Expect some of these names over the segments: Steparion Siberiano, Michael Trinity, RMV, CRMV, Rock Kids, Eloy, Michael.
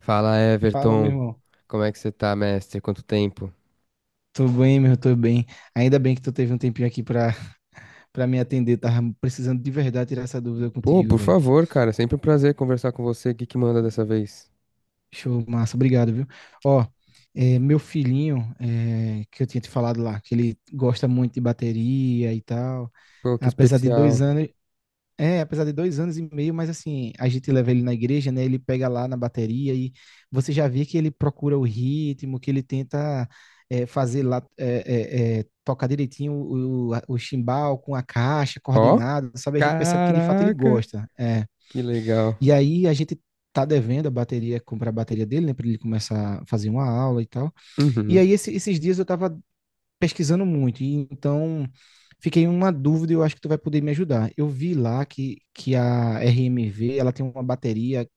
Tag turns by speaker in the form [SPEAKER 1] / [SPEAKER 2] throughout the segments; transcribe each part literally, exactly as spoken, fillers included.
[SPEAKER 1] Fala,
[SPEAKER 2] Fala, meu
[SPEAKER 1] Everton.
[SPEAKER 2] irmão.
[SPEAKER 1] Como é que você tá, mestre? Quanto tempo?
[SPEAKER 2] Tô bem, meu, tô bem. Ainda bem que tu teve um tempinho aqui pra, pra me atender. Tava precisando de verdade tirar essa dúvida
[SPEAKER 1] Pô,
[SPEAKER 2] contigo,
[SPEAKER 1] por
[SPEAKER 2] velho.
[SPEAKER 1] favor, cara. Sempre um prazer conversar com você. O que que manda dessa vez?
[SPEAKER 2] Show, massa. Obrigado, viu? Ó, é, meu filhinho, é que eu tinha te falado lá, que ele gosta muito de bateria e tal.
[SPEAKER 1] Pô, que
[SPEAKER 2] Apesar de
[SPEAKER 1] especial.
[SPEAKER 2] dois anos, É, apesar de dois anos e meio, mas assim, a gente leva ele na igreja, né? Ele pega lá na bateria e você já vê que ele procura o ritmo, que ele tenta, é, fazer lá, é, é, é, tocar direitinho o, o, o chimbal com a caixa,
[SPEAKER 1] Ó,
[SPEAKER 2] coordenado, sabe? A gente percebe que de fato ele
[SPEAKER 1] caraca,
[SPEAKER 2] gosta. É.
[SPEAKER 1] que legal.
[SPEAKER 2] E aí a gente tá devendo a bateria, comprar a bateria dele, né? Pra ele começar a fazer uma aula e tal. E
[SPEAKER 1] Uhum,
[SPEAKER 2] aí esse- esses dias eu tava pesquisando muito, e então fiquei em uma dúvida e eu acho que tu vai poder me ajudar. Eu vi lá que, que a R M V, ela tem uma bateria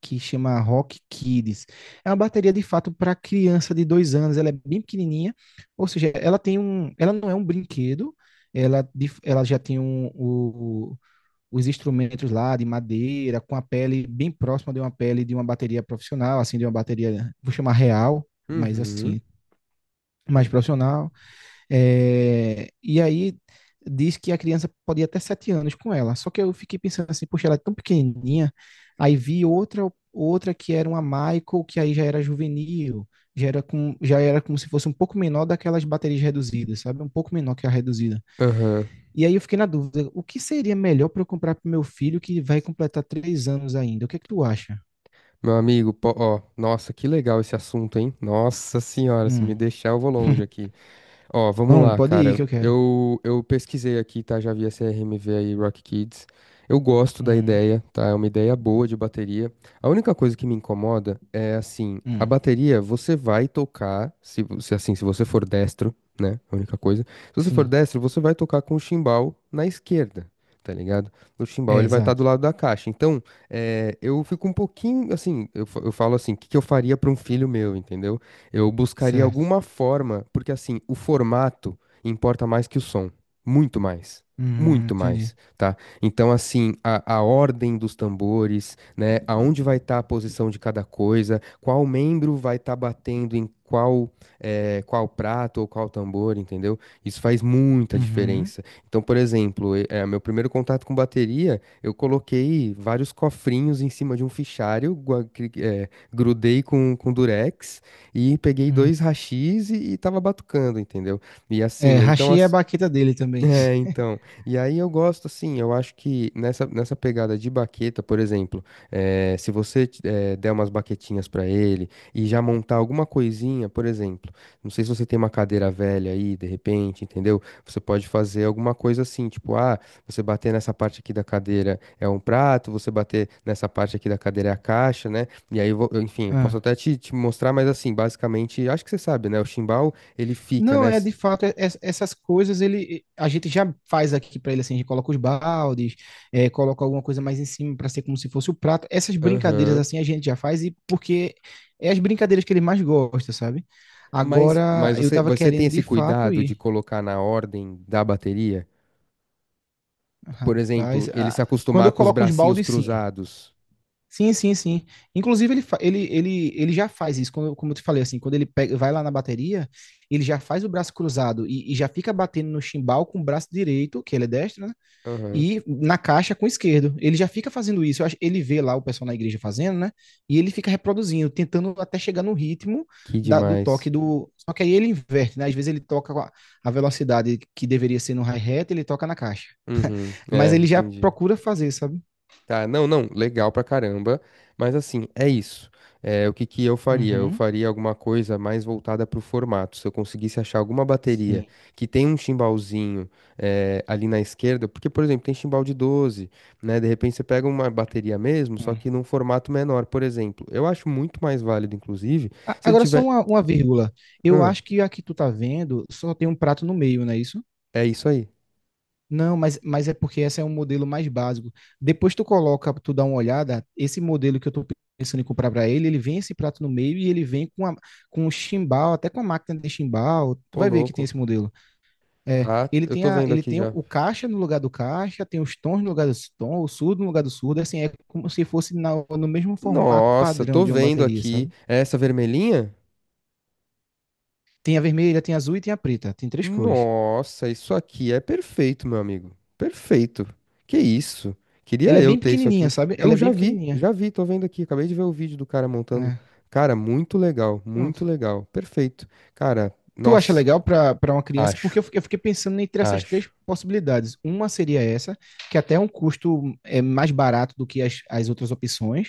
[SPEAKER 2] que chama Rock Kids. É uma bateria de fato para criança de dois anos. Ela é bem pequenininha, ou seja, ela tem um, ela não é um brinquedo. Ela, de- ela já tem um, o- Os instrumentos lá de madeira, com a pele bem próxima de uma pele de uma bateria profissional, assim, de uma bateria, vou chamar real, mas
[SPEAKER 1] uhum,
[SPEAKER 2] assim, mais profissional. É, e aí diz que a criança pode ir até sete anos com ela. Só que eu fiquei pensando assim, poxa, ela é tão pequenininha. Aí vi outra outra que era uma Michael, que aí já era juvenil, já era, com, já era como se fosse um pouco menor daquelas baterias reduzidas, sabe? Um pouco menor que a reduzida.
[SPEAKER 1] aham.
[SPEAKER 2] E aí eu fiquei na dúvida, o que seria melhor para eu comprar para meu filho que vai completar três anos ainda? O que é que tu acha?
[SPEAKER 1] Meu amigo, pô, ó, nossa, que legal esse assunto, hein? Nossa senhora, se me
[SPEAKER 2] Hum.
[SPEAKER 1] deixar, eu vou longe aqui. Ó, vamos
[SPEAKER 2] Vamos,
[SPEAKER 1] lá,
[SPEAKER 2] pode ir
[SPEAKER 1] cara.
[SPEAKER 2] que eu quero.
[SPEAKER 1] Eu, eu pesquisei aqui, tá? Já vi a C R M V aí, Rock Kids. Eu gosto da
[SPEAKER 2] Uhum.
[SPEAKER 1] ideia, tá? É uma ideia boa de bateria. A única coisa que me incomoda é assim, a
[SPEAKER 2] Hum.
[SPEAKER 1] bateria você vai tocar, se, vo- se assim, se você for destro, né? A única coisa. Se você for
[SPEAKER 2] Sim,
[SPEAKER 1] destro, você vai tocar com o chimbal na esquerda. Tá ligado? O chimbal
[SPEAKER 2] é
[SPEAKER 1] ele vai estar do
[SPEAKER 2] exato.
[SPEAKER 1] lado da caixa. Então, é, eu fico um pouquinho assim. Eu, fa- eu falo assim: o que, que eu faria para um filho meu, entendeu? Eu buscaria
[SPEAKER 2] Certo.
[SPEAKER 1] alguma forma, porque assim, o formato importa mais que o som, muito mais.
[SPEAKER 2] Hum,
[SPEAKER 1] Muito
[SPEAKER 2] entendi.
[SPEAKER 1] mais, tá? Então, assim, a, a ordem dos tambores, né? Aonde vai estar a posição de cada coisa, qual membro vai estar batendo em qual, eh, qual prato ou qual tambor, entendeu? Isso faz muita
[SPEAKER 2] Uhum.
[SPEAKER 1] diferença. Então, por exemplo, e- eh, meu primeiro contato com bateria, eu coloquei vários cofrinhos em cima de um fichário, gua- cri- eh, grudei com, com durex e peguei
[SPEAKER 2] Hum.
[SPEAKER 1] dois hashis e, e tava batucando, entendeu? E
[SPEAKER 2] É,
[SPEAKER 1] assim, então,
[SPEAKER 2] hashi é a baqueta dele também.
[SPEAKER 1] é, então. E aí eu gosto, assim, eu acho que nessa, nessa pegada de baqueta, por exemplo, eh, se você t- eh, der umas baquetinhas pra ele e já montar alguma coisinha, por exemplo, não sei se você tem uma cadeira velha aí, de repente, entendeu? Você pode fazer alguma coisa assim, tipo, ah, você bater nessa parte aqui da cadeira é um prato, você bater nessa parte aqui da cadeira é a caixa, né? E aí, eu vou- eu, enfim, eu posso
[SPEAKER 2] Ah.
[SPEAKER 1] até te, te mostrar, mas assim, basicamente, acho que você sabe, né? O chimbal, ele fica,
[SPEAKER 2] Não,
[SPEAKER 1] né?
[SPEAKER 2] é de fato, é- é- essas coisas ele a gente já faz aqui pra ele, assim, a gente coloca os baldes, é, coloca alguma coisa mais em cima pra ser como se fosse o prato. Essas brincadeiras
[SPEAKER 1] Aham.
[SPEAKER 2] assim a gente já faz, e porque é as brincadeiras que ele mais gosta, sabe?
[SPEAKER 1] Mas,
[SPEAKER 2] Agora
[SPEAKER 1] mas
[SPEAKER 2] eu
[SPEAKER 1] você,
[SPEAKER 2] tava
[SPEAKER 1] você tem
[SPEAKER 2] querendo de
[SPEAKER 1] esse
[SPEAKER 2] fato
[SPEAKER 1] cuidado de
[SPEAKER 2] ir.
[SPEAKER 1] colocar na ordem da bateria? Por exemplo,
[SPEAKER 2] Rapaz,
[SPEAKER 1] ele se
[SPEAKER 2] a- Quando
[SPEAKER 1] acostumar
[SPEAKER 2] eu
[SPEAKER 1] com os
[SPEAKER 2] coloco uns
[SPEAKER 1] bracinhos
[SPEAKER 2] baldes, sim.
[SPEAKER 1] cruzados.
[SPEAKER 2] Sim, sim, sim. Inclusive, ele, fa- ele, ele, ele já faz isso, como eu, como eu te falei, assim, quando ele pega, vai lá na bateria, ele já faz o braço cruzado e, e já fica batendo no chimbal com o braço direito, que ele é destro, né?
[SPEAKER 1] Aham.
[SPEAKER 2] E na caixa com o esquerdo. Ele já fica fazendo isso. Eu acho- ele vê lá o pessoal na igreja fazendo, né? E ele fica reproduzindo, tentando até chegar no ritmo
[SPEAKER 1] Que
[SPEAKER 2] da- do toque
[SPEAKER 1] demais.
[SPEAKER 2] do. Só que aí ele inverte, né? Às vezes ele toca com a, a velocidade que deveria ser no hi-hat, ele toca na caixa.
[SPEAKER 1] Uhum. É,
[SPEAKER 2] Mas ele já
[SPEAKER 1] entendi.
[SPEAKER 2] procura fazer, sabe?
[SPEAKER 1] Tá, não, não, legal pra caramba, mas assim, é isso. É, o que que eu faria? Eu
[SPEAKER 2] Uhum.
[SPEAKER 1] faria alguma coisa mais voltada pro formato. Se eu conseguisse achar alguma bateria
[SPEAKER 2] Sim.
[SPEAKER 1] que tem um timbalzinho é, ali na esquerda, porque, por exemplo, tem timbal de doze, né? De repente você pega uma bateria mesmo, só que
[SPEAKER 2] Hum.
[SPEAKER 1] num formato menor, por exemplo. Eu acho muito mais válido, inclusive,
[SPEAKER 2] A-
[SPEAKER 1] se ele
[SPEAKER 2] Agora só
[SPEAKER 1] tiver.
[SPEAKER 2] uma, uma vírgula. Eu
[SPEAKER 1] Hã,
[SPEAKER 2] acho que a que tu tá vendo só tem um prato no meio, não é isso?
[SPEAKER 1] é isso aí.
[SPEAKER 2] Não, mas, mas é porque esse é um modelo mais básico. Depois tu coloca, tu dá uma olhada, esse modelo que eu tô pensando em comprar para ele, ele vem esse prato no meio e ele vem com, a, com o chimbal, até com a máquina de chimbal. Tu
[SPEAKER 1] Ô,
[SPEAKER 2] vai ver que tem
[SPEAKER 1] louco.
[SPEAKER 2] esse modelo. É,
[SPEAKER 1] Tá,
[SPEAKER 2] ele
[SPEAKER 1] eu
[SPEAKER 2] tem
[SPEAKER 1] tô
[SPEAKER 2] a,
[SPEAKER 1] vendo
[SPEAKER 2] ele
[SPEAKER 1] aqui
[SPEAKER 2] tem
[SPEAKER 1] já.
[SPEAKER 2] o caixa no lugar do caixa, tem os tons no lugar dos tons, o surdo no lugar do surdo, assim, é como se fosse na- no mesmo formato
[SPEAKER 1] Nossa,
[SPEAKER 2] padrão
[SPEAKER 1] tô
[SPEAKER 2] de uma
[SPEAKER 1] vendo
[SPEAKER 2] bateria,
[SPEAKER 1] aqui.
[SPEAKER 2] sabe?
[SPEAKER 1] É essa vermelhinha?
[SPEAKER 2] Tem a vermelha, tem a azul e tem a preta. Tem três cores.
[SPEAKER 1] Nossa, isso aqui é perfeito, meu amigo. Perfeito. Que isso?
[SPEAKER 2] Ela
[SPEAKER 1] Queria
[SPEAKER 2] é
[SPEAKER 1] eu
[SPEAKER 2] bem
[SPEAKER 1] ter isso
[SPEAKER 2] pequenininha,
[SPEAKER 1] aqui.
[SPEAKER 2] sabe? Ela
[SPEAKER 1] Eu
[SPEAKER 2] é
[SPEAKER 1] já
[SPEAKER 2] bem
[SPEAKER 1] vi,
[SPEAKER 2] pequenininha.
[SPEAKER 1] já vi, tô vendo aqui. Acabei de ver o vídeo do cara montando.
[SPEAKER 2] É,
[SPEAKER 1] Cara, muito legal, muito
[SPEAKER 2] pronto.
[SPEAKER 1] legal. Perfeito. Cara,
[SPEAKER 2] Tu acha
[SPEAKER 1] nossa,
[SPEAKER 2] legal pra pra uma criança? Porque
[SPEAKER 1] acho,
[SPEAKER 2] eu fiquei, eu fiquei pensando entre essas três
[SPEAKER 1] acho.
[SPEAKER 2] possibilidades. Uma seria essa, que até é um custo, é, mais barato do que as, as outras opções.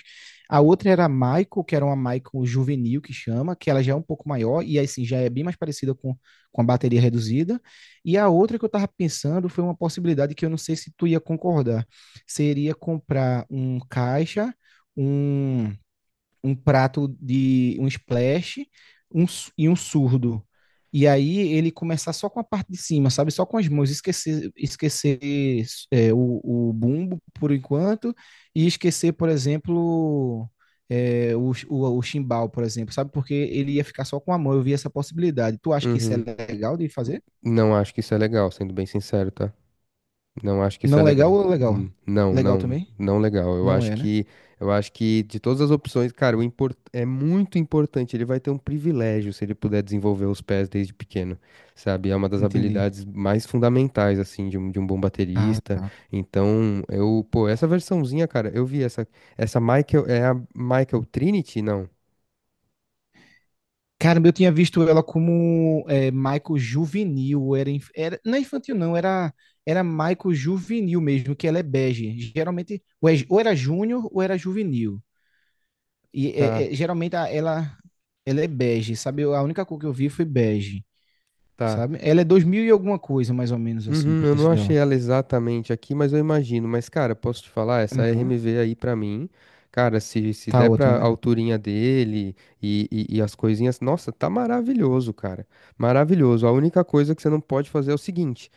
[SPEAKER 2] A outra era a Michael, que era uma Michael juvenil, que chama, que ela já é um pouco maior e assim já é bem mais parecida com, com a bateria reduzida. E a outra que eu estava pensando foi uma possibilidade que eu não sei se tu ia concordar. Seria comprar um caixa, um um prato de um splash, um su- e um surdo. E aí ele começar só com a parte de cima, sabe? Só com as mãos, esquecer, esquecer, é, o, o bumbo por enquanto, e esquecer, por exemplo, é, o, o, o chimbal, por exemplo, sabe? Porque ele ia ficar só com a mão, eu vi essa possibilidade. Tu acha que isso é
[SPEAKER 1] Uhum.
[SPEAKER 2] legal de fazer?
[SPEAKER 1] Não acho que isso é legal, sendo bem sincero, tá? Não acho que isso é
[SPEAKER 2] Não legal
[SPEAKER 1] legal.
[SPEAKER 2] ou legal?
[SPEAKER 1] Hum, Não,
[SPEAKER 2] Legal
[SPEAKER 1] não,
[SPEAKER 2] também?
[SPEAKER 1] não legal. Eu
[SPEAKER 2] Não
[SPEAKER 1] acho
[SPEAKER 2] é, né?
[SPEAKER 1] que, eu acho que de todas as opções, cara, o import, é muito importante. Ele vai ter um privilégio se ele puder desenvolver os pés desde pequeno, sabe? É uma das
[SPEAKER 2] Entendi.
[SPEAKER 1] habilidades mais fundamentais, assim, de um, de um bom
[SPEAKER 2] Ah,
[SPEAKER 1] baterista.
[SPEAKER 2] tá.
[SPEAKER 1] Então, eu, pô, essa versãozinha, cara, eu vi essa, essa Michael, é a Michael Trinity? Não,
[SPEAKER 2] Caramba, eu tinha visto ela como é, Michael juvenil, era, inf- era- não é infantil, não, era era Michael juvenil mesmo, que ela é bege. Geralmente ou, é- ou era júnior ou era juvenil. E
[SPEAKER 1] tá,
[SPEAKER 2] é- é, geralmente a- ela ela é bege, sabe? Eu- A única cor que eu vi foi bege,
[SPEAKER 1] tá.
[SPEAKER 2] sabe? Ela é dois mil e alguma coisa, mais ou menos assim, o
[SPEAKER 1] Uhum, eu não
[SPEAKER 2] preço
[SPEAKER 1] achei
[SPEAKER 2] dela.
[SPEAKER 1] ela exatamente aqui, mas eu imagino. Mas, cara, posso te falar, essa
[SPEAKER 2] Uhum.
[SPEAKER 1] R M V aí pra mim, cara, se, se
[SPEAKER 2] Tá
[SPEAKER 1] der
[SPEAKER 2] ótimo,
[SPEAKER 1] pra
[SPEAKER 2] né?
[SPEAKER 1] alturinha dele e, e, e as coisinhas, nossa, tá maravilhoso, cara. Maravilhoso. A única coisa que você não pode fazer é o seguinte: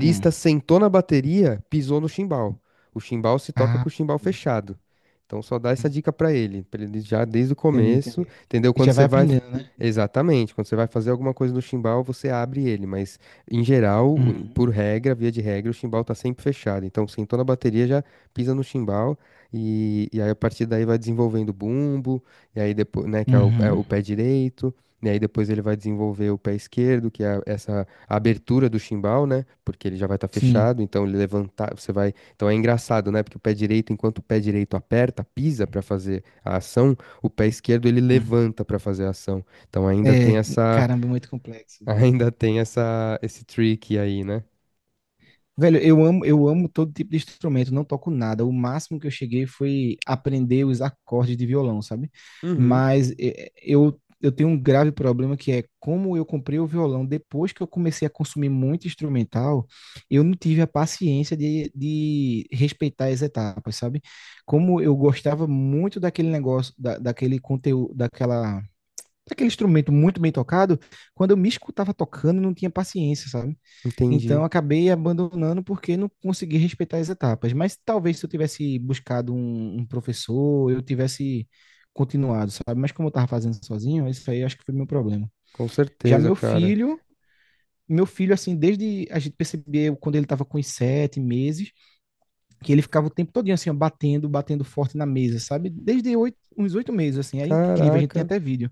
[SPEAKER 2] Hum.
[SPEAKER 1] sentou na bateria, pisou no chimbal. O chimbal se toca com
[SPEAKER 2] Ah,
[SPEAKER 1] o chimbal
[SPEAKER 2] entendi.
[SPEAKER 1] fechado. Então, só dá essa
[SPEAKER 2] Uhum.
[SPEAKER 1] dica pra ele, pra ele já desde o
[SPEAKER 2] Entendi.
[SPEAKER 1] começo,
[SPEAKER 2] Entendi.
[SPEAKER 1] entendeu?
[SPEAKER 2] E
[SPEAKER 1] Quando
[SPEAKER 2] já vai
[SPEAKER 1] você vai.
[SPEAKER 2] aprendendo, né?
[SPEAKER 1] Exatamente, quando você vai fazer alguma coisa no chimbal, você abre ele, mas. Em geral, o-
[SPEAKER 2] Hum.
[SPEAKER 1] por regra, via de regra, o chimbal tá sempre fechado. Então, sentou na bateria, já pisa no chimbal e, e aí a partir daí vai desenvolvendo o bumbo, e aí depois, né, que é o, é
[SPEAKER 2] Uhum.
[SPEAKER 1] o pé direito, e aí depois ele vai desenvolver o pé esquerdo, que é essa abertura do chimbal, né? Porque ele já vai estar
[SPEAKER 2] Sim.
[SPEAKER 1] fechado, então ele levantar, você vai. Então é engraçado, né? Porque o pé direito, enquanto o pé direito aperta, pisa para fazer a ação, o pé esquerdo ele levanta para fazer a ação. Então ainda tem
[SPEAKER 2] É,
[SPEAKER 1] essa
[SPEAKER 2] caramba, é muito complexo, velho.
[SPEAKER 1] Ainda tem essa, esse trick aí, né?
[SPEAKER 2] Velho, eu amo, eu amo todo tipo de instrumento, não toco nada. O máximo que eu cheguei foi aprender os acordes de violão, sabe?
[SPEAKER 1] Uhum,
[SPEAKER 2] Mas eh, eu, eu tenho um grave problema, que é como eu comprei o violão depois que eu comecei a consumir muito instrumental, eu não tive a paciência de, de respeitar as etapas, sabe? Como eu gostava muito daquele negócio, da, daquele conteúdo, daquela, daquele instrumento muito bem tocado, quando eu me escutava tocando, eu não tinha paciência, sabe? Então,
[SPEAKER 1] entendi.
[SPEAKER 2] eu acabei abandonando porque não consegui respeitar as etapas. Mas talvez se eu tivesse buscado um, um professor, eu tivesse continuado, sabe? Mas como eu estava fazendo sozinho, isso aí acho que foi meu problema.
[SPEAKER 1] Com
[SPEAKER 2] Já
[SPEAKER 1] certeza,
[SPEAKER 2] meu
[SPEAKER 1] cara.
[SPEAKER 2] filho, meu filho, assim, desde a gente percebeu quando ele estava com os sete meses, que ele ficava o tempo todinho, assim, ó, batendo, batendo forte na mesa, sabe? Desde oito, uns oito meses, assim, é incrível, a gente tem
[SPEAKER 1] Caraca.
[SPEAKER 2] até vídeo.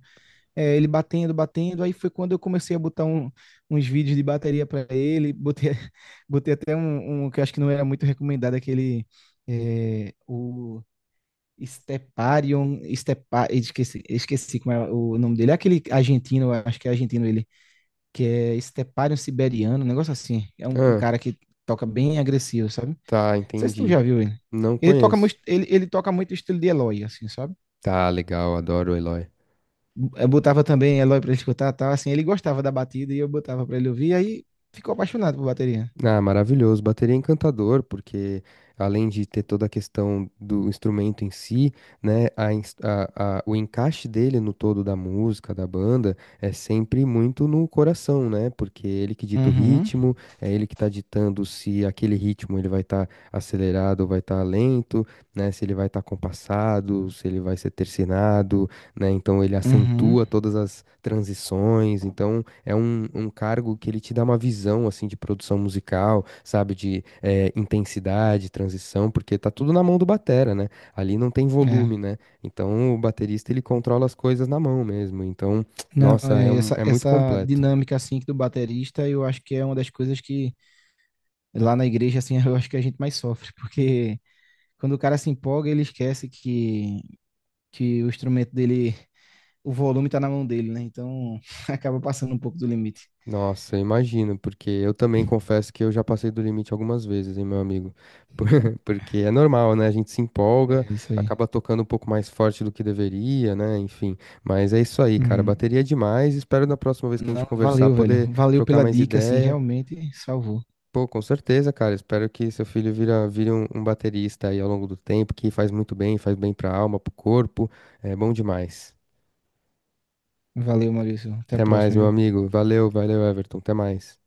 [SPEAKER 2] É, ele batendo, batendo. Aí foi quando eu comecei a botar um- uns vídeos de bateria para ele. Botei, botei até um, um que eu acho que não era muito recomendado, aquele, é, o Steparion, Stepa, esqueci, esqueci como é o nome dele. É aquele argentino, eu acho que é argentino ele, que é Steparion Siberiano, um negócio assim. É um, um
[SPEAKER 1] Ah,
[SPEAKER 2] cara que toca bem agressivo, sabe? Não
[SPEAKER 1] tá,
[SPEAKER 2] sei se tu
[SPEAKER 1] entendi.
[SPEAKER 2] já viu ele.
[SPEAKER 1] Não
[SPEAKER 2] Ele toca, muito-
[SPEAKER 1] conheço.
[SPEAKER 2] ele, ele toca muito estilo de Eloy, assim, sabe?
[SPEAKER 1] Tá, legal, adoro o Eloy.
[SPEAKER 2] Eu botava também Eloy pra ele escutar, tal, assim, ele gostava da batida e eu botava pra ele ouvir, aí ficou apaixonado por bateria.
[SPEAKER 1] Ah, maravilhoso. Bateria é encantador, porque além de ter toda a questão do instrumento em si, né, a, ins- a- a- o encaixe dele no todo da música, da banda, é sempre muito no coração, né? Porque é ele que dita o
[SPEAKER 2] Uhum,
[SPEAKER 1] ritmo, é ele que tá ditando se aquele ritmo ele vai estar acelerado ou vai estar lento, né? Se ele vai estar compassado, se ele vai ser tercinado, né? Então ele
[SPEAKER 2] uhum,
[SPEAKER 1] acentua todas as transições, então é um, um cargo que ele te dá uma visão, assim, de produção musical, sabe? De eh, intensidade, transição, porque tá tudo na mão do batera, né? Ali não tem
[SPEAKER 2] é.
[SPEAKER 1] volume, né? Então o baterista ele controla as coisas na mão mesmo, então,
[SPEAKER 2] Não,
[SPEAKER 1] nossa, é,
[SPEAKER 2] é
[SPEAKER 1] um-
[SPEAKER 2] essa,
[SPEAKER 1] é muito
[SPEAKER 2] essa
[SPEAKER 1] completo.
[SPEAKER 2] dinâmica, assim, do baterista, eu acho que é uma das coisas que lá na igreja, assim, eu acho que a gente mais sofre, porque quando o cara se empolga, ele esquece que, que o instrumento dele, o volume tá na mão dele, né? Então, acaba passando um pouco do limite.
[SPEAKER 1] Nossa, imagino, porque eu também confesso que eu já passei do limite algumas vezes, hein, meu amigo? Por- Porque é normal, né? A gente se empolga,
[SPEAKER 2] É isso aí.
[SPEAKER 1] acaba tocando um pouco mais forte do que deveria, né? Enfim. Mas é isso aí, cara.
[SPEAKER 2] Uhum.
[SPEAKER 1] Bateria é demais. Espero na próxima vez que a gente
[SPEAKER 2] Não,
[SPEAKER 1] conversar
[SPEAKER 2] valeu, velho.
[SPEAKER 1] poder
[SPEAKER 2] Valeu
[SPEAKER 1] trocar
[SPEAKER 2] pela
[SPEAKER 1] mais
[SPEAKER 2] dica, assim,
[SPEAKER 1] ideia.
[SPEAKER 2] realmente salvou.
[SPEAKER 1] Pô, com certeza, cara. Espero que seu filho vira, vire um, um baterista aí ao longo do tempo, que faz muito bem, faz bem pra alma, pro corpo. É bom demais.
[SPEAKER 2] Valeu, Maurício. Até a
[SPEAKER 1] Até mais,
[SPEAKER 2] próxima,
[SPEAKER 1] meu
[SPEAKER 2] viu?
[SPEAKER 1] amigo. Valeu, valeu, Everton. Até mais.